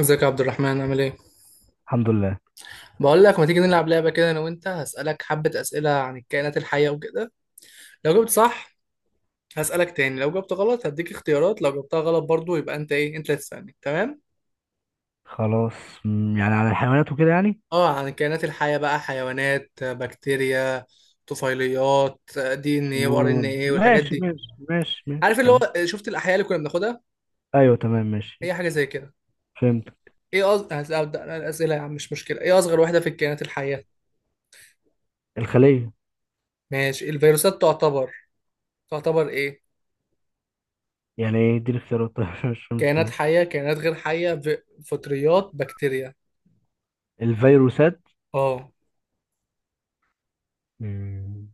ازيك يا عبد الرحمن، عامل ايه؟ الحمد لله. بقول لك ما تيجي نلعب لعبة كده، انا وانت هسألك حبة أسئلة عن الكائنات الحية وكده. لو جبت صح هسألك تاني، لو جبت غلط هديك اختيارات، لو جبتها غلط برضو يبقى انت ايه انت اللي تسألني، تمام؟ خلاص. يعني على الحيوانات وكده يعني. اه، عن الكائنات الحية بقى: حيوانات، بكتيريا، طفيليات، دي ان ايه وار ان طيور. ايه والحاجات ماشي دي. ماشي ماشي ماشي عارف اللي هو تمام. شفت الأحياء اللي كنا بناخدها؟ ايوه تمام ماشي. هي حاجة زي كده. فهمت. ايه هبدأ أنا الأسئلة يا عم، مش مشكلة. ايه أصغر واحدة في الكائنات الحية؟ الخلية. ماشي، الفيروسات تعتبر تعتبر ايه؟ يعني ايه دي الاختيارات؟ طيب، مش فاهم كائنات السؤال. حية، كائنات غير حية، فطريات، بكتيريا. الفيروسات. اه، مم،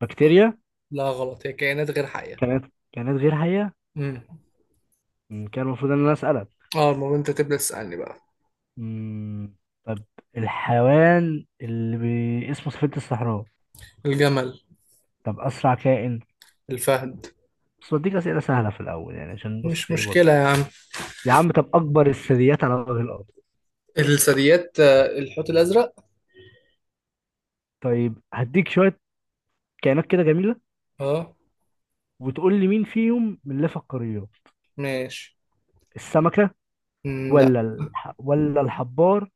بكتيريا. لا غلط، هي كائنات غير حية. كانت غير حية. امم كان المفروض ان انا اسألك. اه المهم انت تبدأ تسألني بقى. مم، طب الحيوان اللي اسمه سفينة الصحراء. الجمل. طب اسرع كائن. الفهد. بس بديك اسئلة سهلة في الاول يعني عشان مش بص ايه برضه. مشكلة يا عم. يا عم طب اكبر الثدييات على وجه الارض. الثدييات، الحوت الأزرق. طيب هديك شوية كائنات كده جميله، اه وتقول لي مين فيهم من اللي في القريات. ماشي. السمكه مم، لا. ولا ولا الحبار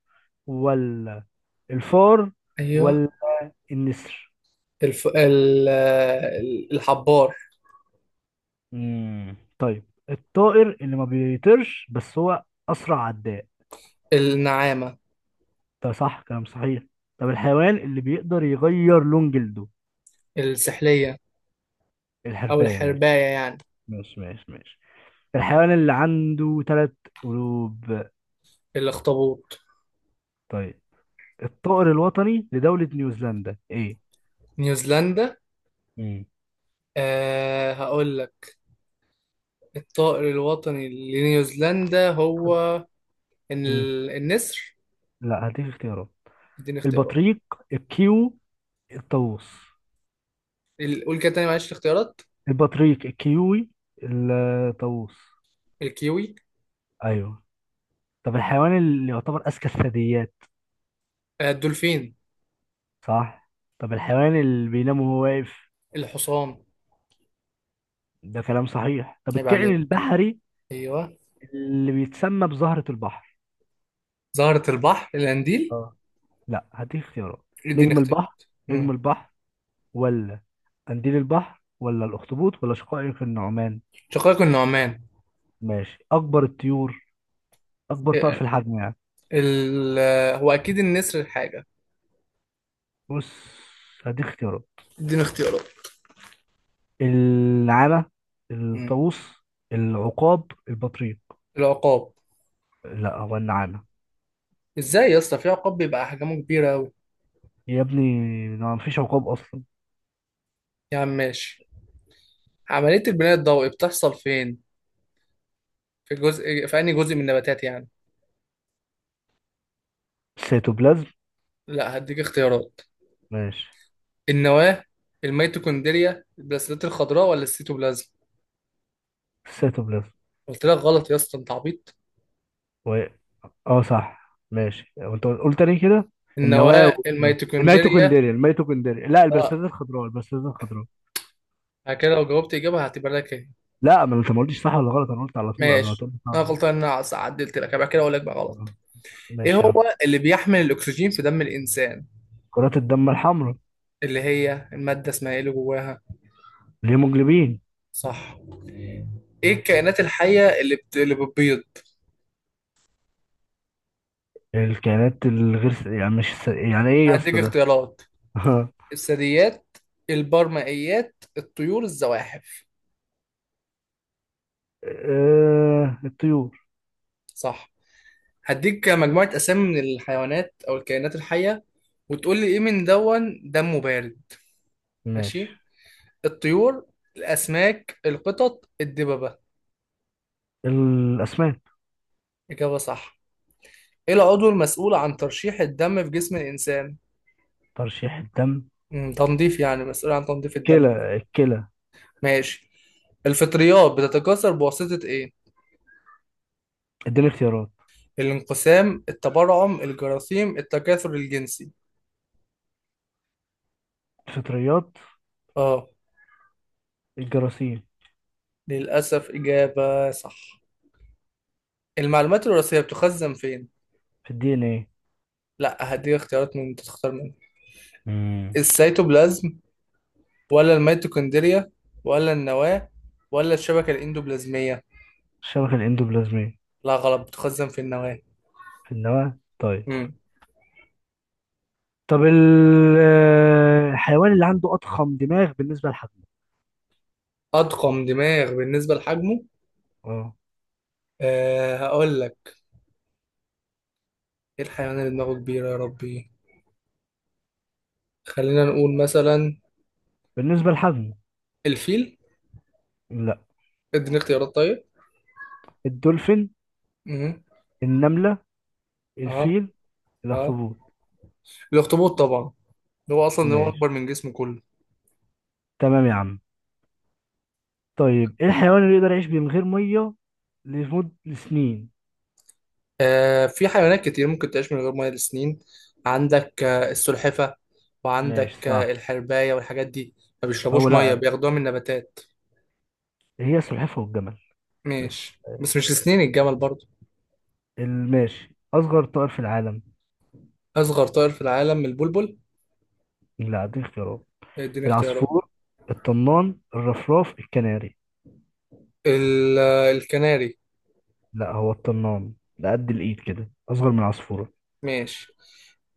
ولا الفار ايوه. ولا النسر. الف... ال... آه، ال- الحبار. طيب. الطائر اللي ما بيطيرش بس هو اسرع عداء. النعامة. ده صح، كلام صحيح. طب الحيوان اللي بيقدر يغير لون جلده. السحلية أو الحرباية ماشي. الحرباية يعني. ماشي ماشي ماشي. الحيوان اللي عنده 3 قلوب. الأخطبوط. طيب. الطائر الوطني لدولة نيوزيلندا ايه؟ نيوزيلندا. هقول لك. الطائر الوطني لنيوزيلندا هو امم النسر. لا، هديك اختيارات. اديني اختيارات. البطريق الكيو الطاووس. قول كده تاني، معلش الاختيارات. البطريق الكيوي الطاووس. الكيوي. ايوه. طب الحيوان اللي يعتبر اذكى الثدييات. الدولفين. صح. طب الحيوان اللي بينام وهو واقف. الحصان. ده كلام صحيح. طب عيب الكائن عليك. البحري ايوه. اللي بيتسمى بزهرة البحر. زهرة البحر، القنديل. اه. لا، هديك اختيارات. اديني نجم البحر اختيارات. نجم مم. البحر ولا قنديل البحر ولا الاخطبوط ولا شقائق النعمان. شقائق النعمان. ماشي. اكبر الطيور، اكبر طائر آه، في الحجم يعني. ال... آه، هو اكيد النسر حاجة. بص، هديك اختيارات. اديني اختيارات. النعامة، مم. الطاووس، العقاب، البطريق. العقاب. لا، هو النعامة. ازاي يا اسطى في عقاب بيبقى احجامه كبيرة اوي؟ يا ابني، ما مفيش عقاب أصلا. يا عم ماشي. عملية البناء الضوئي بتحصل فين؟ في جزء، في انهي جزء من النباتات يعني؟ السيتوبلازم. لا هديك اختيارات. ماشي. النواه، الميتوكوندريا، البلاسيلات الخضراء، ولا السيتوبلازم؟ السيتوبلازم قلت لك غلط يا اسطى، انت عبيط. و... اه صح، ماشي. وانت قلت ليه كده؟ النواة النواه، الميتوكوندريا. الميتوكوندريا لا، البرسلات اه، الخضراء، البرسلات الخضراء. بعد كده لو جاوبت اجابه هعتبر لك ايه؟ لا، ما انت ما قلتش صح ولا غلط، انا قلت على طول قبل ما ماشي. تقول لي انا صح ولا غلطان ان انا عدلت لك بعد كده اقول لك بقى غلط. غلط. ايه ماشي يا عم. هو اللي بيحمل الاكسجين في دم الانسان؟ كرات الدم الحمراء. اللي هي الماده اسمها ايه اللي جواها؟ الهيموجلوبين. صح. ايه الكائنات الحيه اللي بتبيض؟ الكائنات الغير يعني مش يعني ايه يا هديك اسطى ده؟ اختيارات: الثدييات، البرمائيات، الطيور، الزواحف. الطيور. صح. هديك مجموعة أسامي من الحيوانات أو الكائنات الحية، وتقول لي إيه من دون دمه بارد. ماشي. ماشي. الطيور، الأسماك، القطط، الدببة. الأسماك. إجابة صح. إيه العضو المسؤول عن ترشيح الدم في جسم الإنسان؟ ترشيح الدم. تنظيف يعني، مسؤول عن تنظيف الدم. الكلى. ماشي. الفطريات بتتكاثر بواسطة إيه؟ اديني اختيارات. الانقسام، التبرعم، الجراثيم، التكاثر الجنسي. الفطريات. آه، الجراثيم. للأسف إجابة صح. المعلومات الوراثية بتخزن فين؟ في DNA. لا، هديك اختيارات من انت تختار منهم: مم. السيتوبلازم ولا الميتوكوندريا ولا النواة ولا الشبكة الإندوبلازمية؟ الشبكة الإندوبلازمية. لا غلط، بتخزن في النواة. في النواة، طيب. مم. طب الحيوان اللي عنده أضخم دماغ بالنسبة لحجمه. أضخم دماغ بالنسبة لحجمه؟ اه، هقول لك. إيه الحيوان اللي دماغه كبيرة يا ربي؟ خلينا نقول مثلا بالنسبة لحجمه. الفيل. لا. اديني اختيارات طيب. الدولفين، مم. النملة، اه. الفيل، اه. الأخطبوط. الأخطبوط طبعا. هو أصلا هو ماشي أكبر من جسمه كله. تمام يا عم. طيب، ايه الحيوان اللي يقدر يعيش من غير مية لمدة سنين؟ في حيوانات كتير ممكن تعيش من غير ميه لسنين. عندك السلحفة، ماشي وعندك صح. الحرباية والحاجات دي. ما او بيشربوش ميه، لا، بياخدوها من نباتات. هي السلحفاة والجمل بس. ماشي بس مش لسنين الجمل برضو. الماشي اصغر طائر في العالم. أصغر طائر في العالم البلبل. لا، اديك اختيارات. اديني اختيارات. العصفور، الطنان، الرفراف، الكناري. الكناري. لا، هو الطنان، ده قد الايد كده، اصغر من العصفورة. ماشي.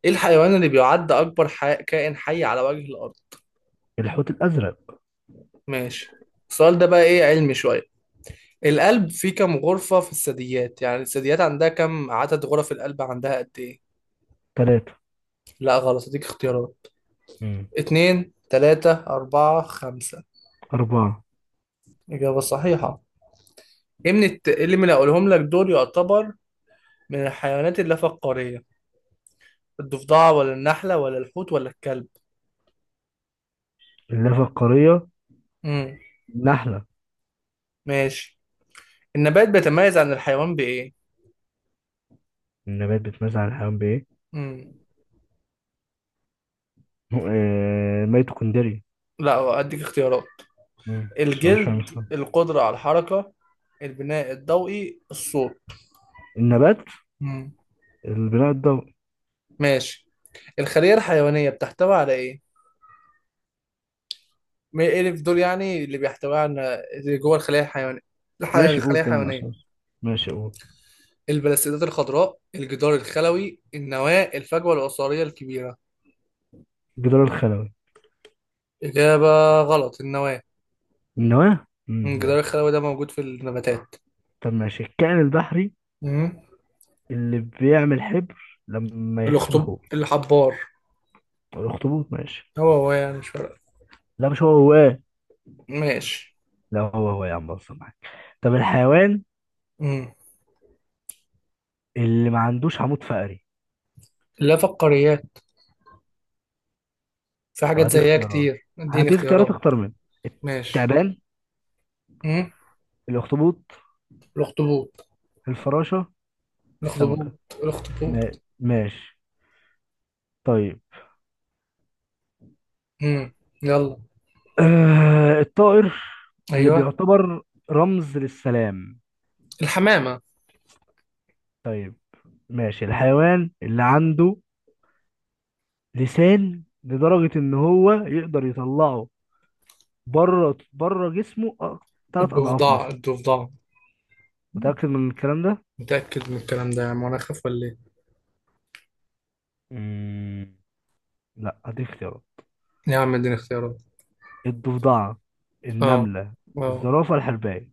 ايه الحيوان اللي بيعد كائن حي على وجه الأرض؟ الحوت الازرق. ماشي. السؤال ده بقى ايه، علمي شوية. القلب فيه كم غرفة في الثدييات؟ يعني الثدييات عندها كم عدد غرف القلب، عندها قد ايه؟ 3. لا غلط، اديك اختيارات: امم. اتنين، تلاتة، أربعة، خمسة. 4. إجابة صحيحة. إيه اللي من اللي هقولهم لك دول يعتبر من الحيوانات اللافقارية؟ الضفدعة ولا النحلة ولا الحوت ولا الكلب؟ اللافة القارية. امم النحلة. ماشي. النبات بيتميز عن الحيوان بإيه؟ النبات بيتميز عن الحيوان بإيه؟ امم ميتوكوندري. لا، أديك اختيارات: مم. بس مش الجلد، فاهم الصراحة. القدرة على الحركة، البناء الضوئي، الصوت. النبات. امم البناء الضوئي. ماشي. الخلية الحيوانية بتحتوي على إيه؟ ما إيه اللي في دول يعني اللي بيحتوي على اللي جوه الخلية الحيوانية؟ ماشي، قول الخلية كلام الحيوانية: أساس. ماشي، قول. البلاستيدات الخضراء، الجدار الخلوي، النواة، الفجوة العصارية الكبيرة. الجدار الخلوي. إجابة غلط. النواة. النواة. الجدار ماشي. الخلوي ده موجود في النباتات. طب ماشي، الكائن البحري مم. اللي بيعمل حبر لما يحس بالخوف. الحبار. طب الاخطبوط ماشي. هو هو يعني مش فارق. لا، مش هو هو إيه؟ ماشي. لا، هو هو يا عم، بص معاك. طب الحيوان مم. اللي ما عندوش عمود فقري. لا، فقاريات. في طب حاجات هدي زيها اختيارات. كتير، اديني هدي اختيارات، اختيارات. اختار منه. ماشي. التعبان، مم. الاخطبوط، الأخطبوط. الفراشة، الأخطبوط. السمكة. الأخطبوط. ماشي. طيب. مم. يلا. الطائر اللي أيوه. بيعتبر رمز للسلام. الحمامة. طيب ماشي، الحيوان اللي عنده لسان لدرجة إن هو يقدر يطلعه بره بره جسمه 3 أضعاف الضفدع مثلا. الضفدع. متأكد من الكلام ده؟ متأكد من الكلام ده يا عم، وأنا أخاف ولا إيه؟ مم. لا، أديك اختيارات. يا عم اديني اختيارات. الضفدعة، اه. النملة، اه. الزرافة، الحرباية.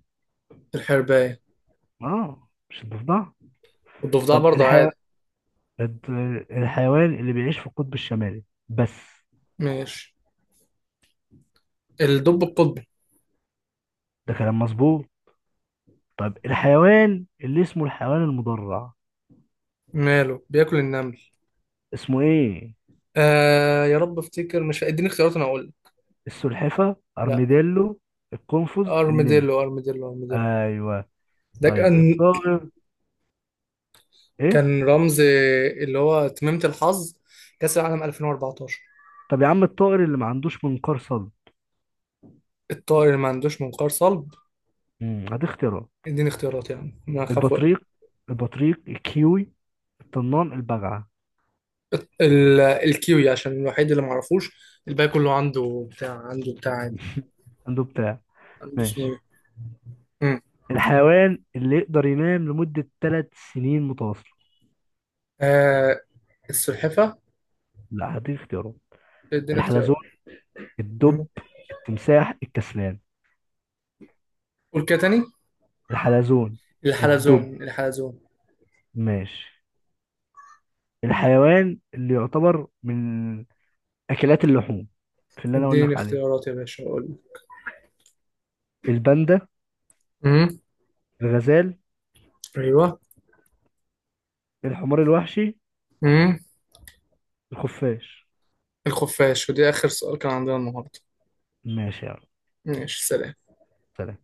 الحرباية. آه، مش الضفدعة. والضفدع طب برضه عادي. الد- الحيوان اللي بيعيش في القطب الشمالي بس. ماشي. الدب القطبي. ده كلام مظبوط. طب الحيوان اللي اسمه الحيوان المدرع، ماله، بياكل النمل. اسمه إيه؟ آه يا رب افتكر، مش اديني اختيارات انا اقول. السلحفة، لا، أرميديلو، القنفذ، النمر. ارميديلو ارميديلو ارميديلو. أيوه. ده طيب كان الطائر، ايه. كان رمز، اللي هو تميمة الحظ كأس العالم 2014. طب يا عم الطائر اللي ما عندوش منقار صلب. الطائر اللي ما عندوش منقار صلب؟ هدي اختيارات. اديني اختيارات يعني، انا اخاف اقول. البطريق البطريق الكيوي، الطنان، البجعة. الكيوي عشان الوحيد اللي ما اعرفوش. الباقي كله عنده بتاع، عنده بتاع عادي. عنده بتاع. عنده اسمه ماشي. ايه. مم. الحيوان اللي يقدر ينام لمدة 3 سنين متواصلة. آه، السلحفة. لا، هدي اختيارات. اديني الحلزون، اختيار. الدب، مم. التمساح، الكسلان. قول كده تاني. الحلزون. الحلزون الدب. الحلزون. ماشي. الحيوان اللي يعتبر من أكلات اللحوم في اللي أنا أقول اديني لك عليه. اختيارات يا باشا اقول. الباندا، امم. الغزال، ايوه. الحمار الوحشي، امم. الخفاش. الخفاش. ودي اخر سؤال كان عندنا النهارده. ماشي يا عم. ماشي، سلام. سلام.